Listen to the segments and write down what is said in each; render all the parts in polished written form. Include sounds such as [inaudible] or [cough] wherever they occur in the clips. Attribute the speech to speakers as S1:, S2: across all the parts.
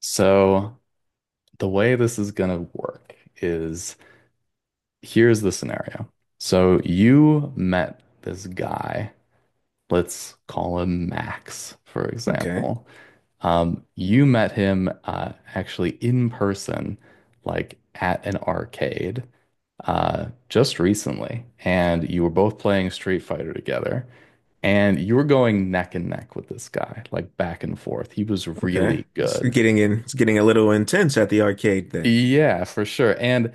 S1: So, the way this is going to work is here's the scenario. So, you met this guy, let's call him Max, for
S2: Okay.
S1: example. You met him actually in person, like at an arcade, just recently, and you were both playing Street Fighter together. And you were going neck and neck with this guy, like back and forth. He was
S2: Okay.
S1: really
S2: It's
S1: good.
S2: getting in, it's getting a little intense at the arcade then.
S1: Yeah, for sure. And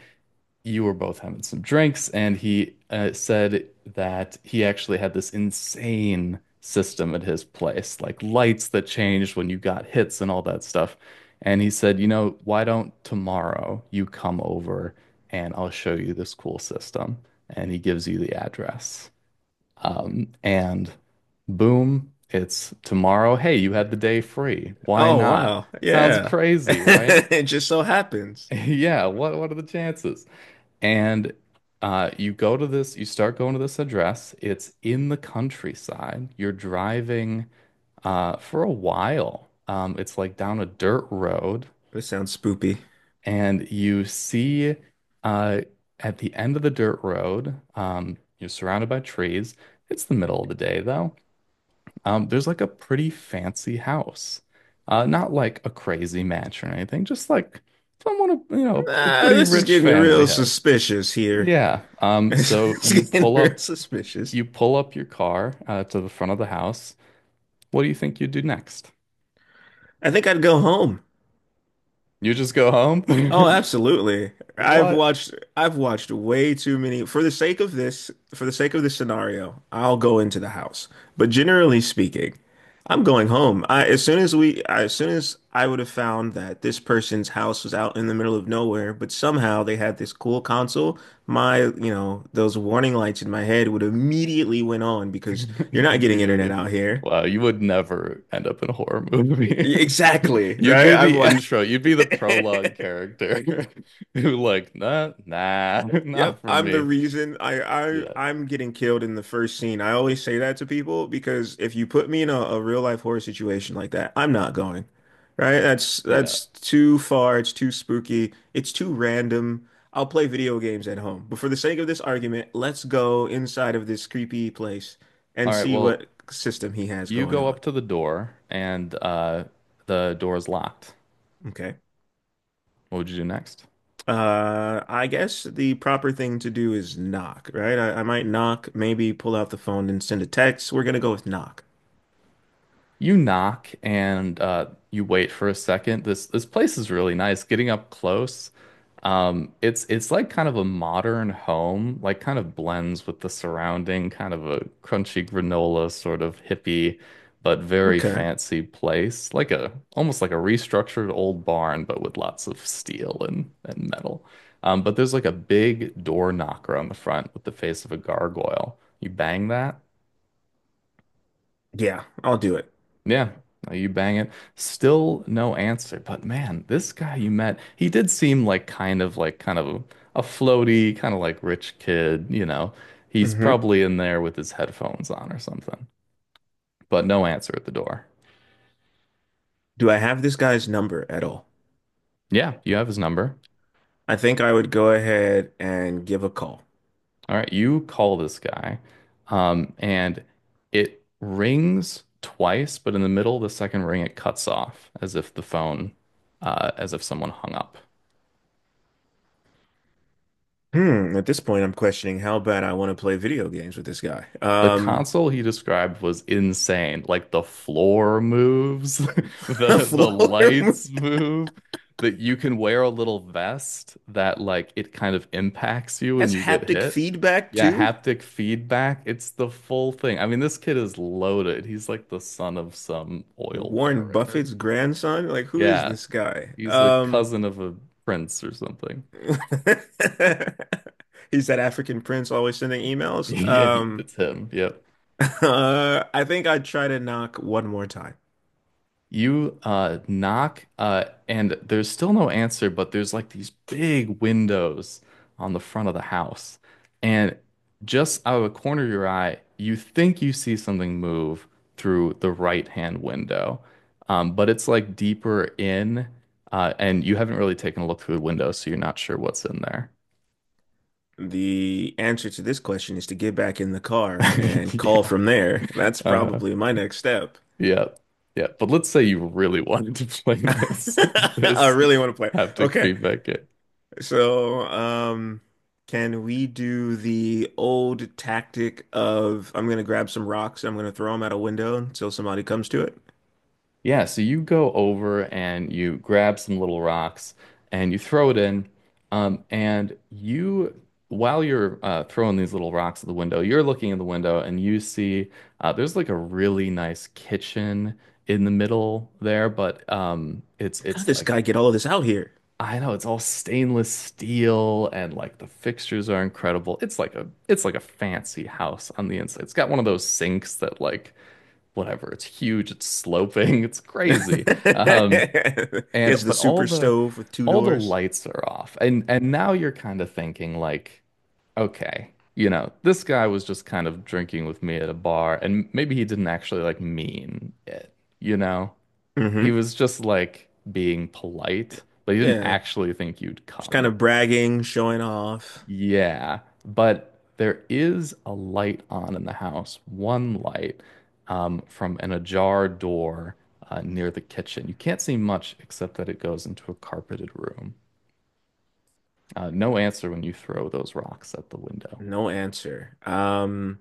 S1: you were both having some drinks, and he said that he actually had this insane system at his place, like lights that changed when you got hits and all that stuff. And he said, you know, why don't tomorrow you come over and I'll show you this cool system? And he gives you the address. And boom, it's tomorrow. Hey, you had the day free. Why
S2: Oh,
S1: not?
S2: wow.
S1: Sounds
S2: Yeah. [laughs]
S1: crazy, right? [laughs]
S2: It just so happens.
S1: Yeah, what are the chances? And you start going to this address. It's in the countryside. You're driving for a while. It's like down a dirt road,
S2: This sounds spoopy.
S1: and you see uh, at the end of the dirt road, you're surrounded by trees. It's the middle of the day, though. There's like a pretty fancy house. Not like a crazy mansion or anything, just like someone, you know, a
S2: Nah,
S1: pretty
S2: this is
S1: rich
S2: getting
S1: family
S2: real
S1: has.
S2: suspicious here.
S1: Yeah.
S2: [laughs]
S1: So
S2: It's getting real suspicious.
S1: you pull up your car to the front of the house. What do you think you do next?
S2: I think I'd go home.
S1: You just go home?
S2: Oh,
S1: [laughs]
S2: absolutely. I've
S1: What?
S2: watched I've watched way too many for the sake of this scenario, I'll go into the house. But generally speaking, I'm going home. I as soon as we as soon as I would have found that this person's house was out in the middle of nowhere, but somehow they had this cool console, those warning lights in my head would immediately went on because you're
S1: [laughs]
S2: not getting internet
S1: Immediately.
S2: out here.
S1: Wow, you would never end up in a horror movie. [laughs]
S2: Exactly,
S1: You'd
S2: right?
S1: be
S2: I've
S1: the
S2: watched.
S1: intro, you'd be the prologue
S2: [laughs]
S1: character [laughs] who like, nah, nah, [laughs] not
S2: Yep,
S1: for
S2: I'm the
S1: me.
S2: reason I, I
S1: Yeah.
S2: I'm getting killed in the first scene. I always say that to people because if you put me in a real life horror situation like that, I'm not going. Right? That's
S1: Yeah.
S2: that's too far, it's too spooky, it's too random. I'll play video games at home. But for the sake of this argument, let's go inside of this creepy place and
S1: All right,
S2: see
S1: well,
S2: what system he has
S1: you
S2: going
S1: go up
S2: on.
S1: to the door and the door is locked.
S2: Okay.
S1: What would you do next?
S2: I guess the proper thing to do is knock, right? I might knock, maybe pull out the phone and send a text. We're gonna go with knock.
S1: You knock and you wait for a second. This place is really nice. Getting up close, it's like kind of a modern home, like kind of blends with the surrounding, kind of a crunchy granola sort of hippie, but very
S2: Okay.
S1: fancy place. Like a almost like a restructured old barn, but with lots of steel and metal. But there's like a big door knocker on the front with the face of a gargoyle. You bang that.
S2: Yeah, I'll do it.
S1: Yeah, no, you bang it. Still no answer. But man, this guy you met, he did seem like kind of a floaty, kind of like rich kid, you know. He's
S2: Hmm.
S1: probably in there with his headphones on or something. But no answer at the door.
S2: Do I have this guy's number at all?
S1: Yeah, you have his number.
S2: I think I would go ahead and give a call.
S1: All right, you call this guy. And it rings twice, but in the middle of the second ring, it cuts off as if the phone, as if someone hung up.
S2: Hmm, at this point, I'm questioning how bad I want to play video games with this guy.
S1: The console he described was insane. Like the floor moves, [laughs]
S2: [laughs] A
S1: the
S2: floor
S1: lights move, that you can wear a little vest that like it kind of impacts you when
S2: has
S1: you get
S2: haptic
S1: hit.
S2: feedback
S1: Yeah,
S2: too?
S1: haptic feedback. It's the full thing. I mean, this kid is loaded. He's like the son of some oil
S2: Warren
S1: baron or
S2: Buffett's
S1: something.
S2: grandson? Like, who is
S1: Yeah,
S2: this guy?
S1: he's a cousin of a prince or something. [laughs]
S2: [laughs] He's that African prince always sending emails.
S1: Yeah, it's him. Yep.
S2: [laughs] I think I'd try to knock one more time.
S1: You knock and there's still no answer, but there's like these big windows on the front of the house. And just out of the corner of your eye, you think you see something move through the right-hand window. But it's like deeper in and you haven't really taken a look through the window, so you're not sure what's in there.
S2: The answer to this question is to get back in the car
S1: [laughs]
S2: and call
S1: Yeah.
S2: from there. That's
S1: Uh
S2: probably my next step.
S1: yeah. Yeah. But let's say you really [laughs] wanted to play
S2: [laughs]
S1: this [laughs]
S2: I
S1: this
S2: really want to play.
S1: haptic
S2: Okay,
S1: feedback game.
S2: so um, can we do the old tactic of I'm gonna grab some rocks, I'm gonna throw them out a window until somebody comes to it?
S1: Yeah, so you go over and you grab some little rocks and you throw it in. Um, and you, while you're throwing these little rocks at the window, you're looking in the window and you see there's like a really nice kitchen in the middle there, but um, it's
S2: How did
S1: it's
S2: this
S1: like
S2: guy get all of this out here?
S1: I know it's all stainless steel and like the fixtures are incredible. It's like a fancy house on the inside. It's got one of those sinks that like whatever. It's huge, it's sloping, [laughs] it's
S2: [laughs] He
S1: crazy. Um, and
S2: has the
S1: but
S2: super stove with two
S1: all the
S2: doors.
S1: lights are off. And now you're kind of thinking like, okay, you know, this guy was just kind of drinking with me at a bar, and maybe he didn't actually like mean it, you know? He
S2: Hmm.
S1: was just like being polite, but he didn't
S2: Yeah,
S1: actually think you'd
S2: just kind
S1: come.
S2: of bragging, showing off.
S1: Yeah, but there is a light on in the house, one light from an ajar door near the kitchen. You can't see much except that it goes into a carpeted room. No answer when you throw those rocks at the window.
S2: No answer.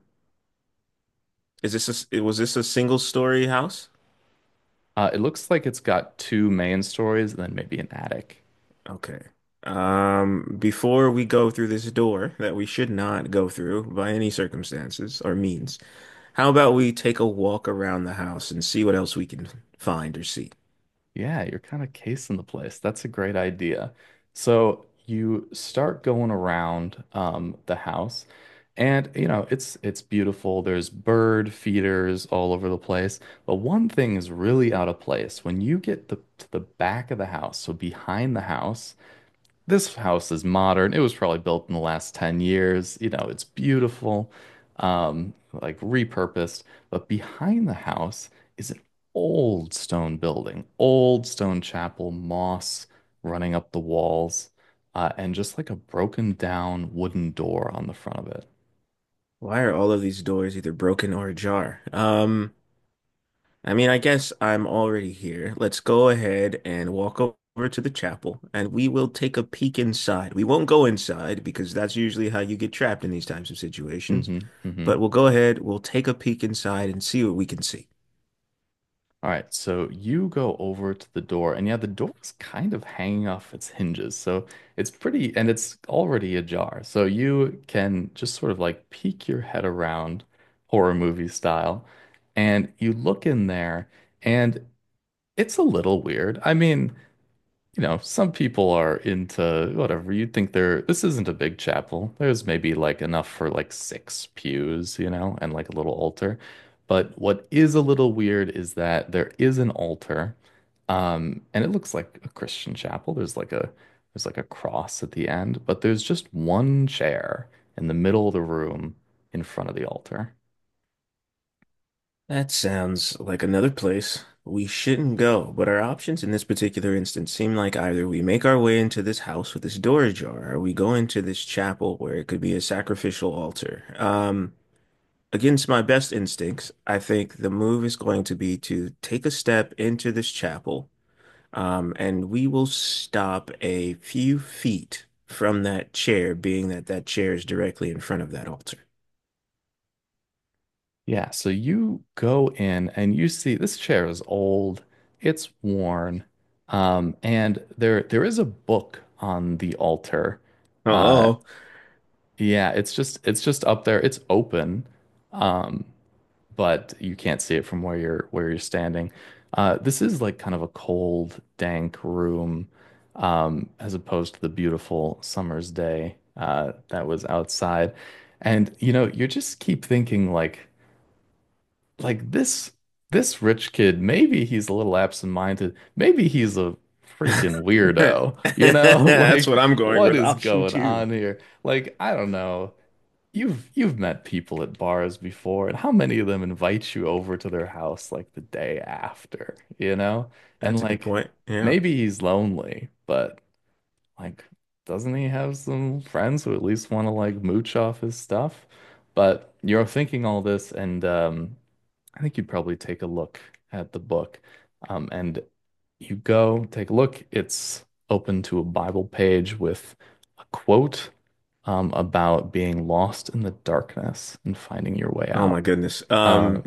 S2: Is this a, s- was this a single story house?
S1: It looks like it's got two main stories and then maybe an attic.
S2: Okay. Before we go through this door that we should not go through by any circumstances or means, how about we take a walk around the house and see what else we can find or see?
S1: Yeah, you're kind of casing the place. That's a great idea. So you start going around the house, and you know it's beautiful. There's bird feeders all over the place. But one thing is really out of place. When you get to the back of the house, so behind the house, this house is modern. It was probably built in the last 10 years. You know, it's beautiful, like repurposed. But behind the house is an old stone building, old stone chapel, moss running up the walls, and just like a broken down wooden door on the front of it.
S2: Why are all of these doors either broken or ajar? I mean, I guess I'm already here. Let's go ahead and walk over to the chapel and we will take a peek inside. We won't go inside because that's usually how you get trapped in these types of situations.
S1: Hmm. Hmm.
S2: But we'll go ahead, we'll take a peek inside and see what we can see.
S1: All right, so you go over to the door, and yeah, the door is kind of hanging off its hinges. So it's pretty, and it's already ajar. So you can just sort of like peek your head around horror movie style, and you look in there, and it's a little weird. I mean, you know, some people are into whatever. You'd think this isn't a big chapel. There's maybe like enough for like six pews, you know, and like a little altar. But what is a little weird is that there is an altar, and it looks like a Christian chapel. There's like a cross at the end, but there's just one chair in the middle of the room in front of the altar.
S2: That sounds like another place we shouldn't go, but our options in this particular instance seem like either we make our way into this house with this door ajar, or we go into this chapel where it could be a sacrificial altar. Against my best instincts, I think the move is going to be to take a step into this chapel, and we will stop a few feet from that chair, being that that chair is directly in front of that altar.
S1: Yeah, so you go in and you see this chair is old, it's worn, and there is a book on the altar. Uh,
S2: Uh-oh.
S1: yeah, it's just up there. It's open, um, but you can't see it from where you're standing. This is like kind of a cold, dank room, as opposed to the beautiful summer's day that was outside. And you know, you just keep thinking like this this rich kid, maybe he's a little absent-minded. Maybe he's a freaking
S2: [laughs]
S1: weirdo. You know, [laughs]
S2: That's
S1: like
S2: what I'm going
S1: what
S2: with,
S1: is
S2: option
S1: going
S2: two.
S1: on here? Like, I don't know. You've met people at bars before, and how many of them invite you over to their house like the day after, you know? And
S2: That's a good
S1: like
S2: point. Yeah.
S1: maybe he's lonely, but like doesn't he have some friends who at least want to like mooch off his stuff? But you're thinking all this and I think you'd probably take a look at the book. And you go take a look. It's open to a Bible page with a quote about being lost in the darkness and finding your way
S2: Oh my
S1: out.
S2: goodness.
S1: Uh,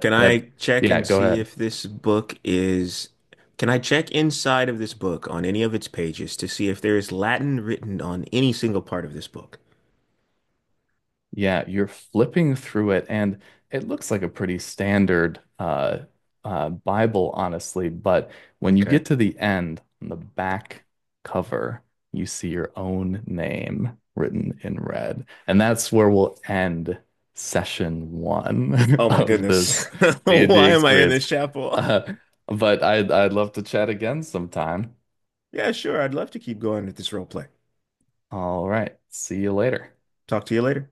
S2: Can
S1: but
S2: I check
S1: yeah,
S2: and
S1: go
S2: see
S1: ahead.
S2: if this book is, can I check inside of this book on any of its pages to see if there is Latin written on any single part of this book?
S1: Yeah, you're flipping through it, and it looks like a pretty standard Bible, honestly. But when you get
S2: Okay.
S1: to the end, on the back cover, you see your own name written in red. And that's where we'll end session one
S2: Oh
S1: [laughs]
S2: my
S1: of
S2: goodness.
S1: this
S2: [laughs]
S1: D&D
S2: Why am I in
S1: experience.
S2: this chapel? [laughs]
S1: Uh, I'd love to chat again sometime.
S2: Yeah, sure. I'd love to keep going with this role play.
S1: All right, see you later.
S2: Talk to you later.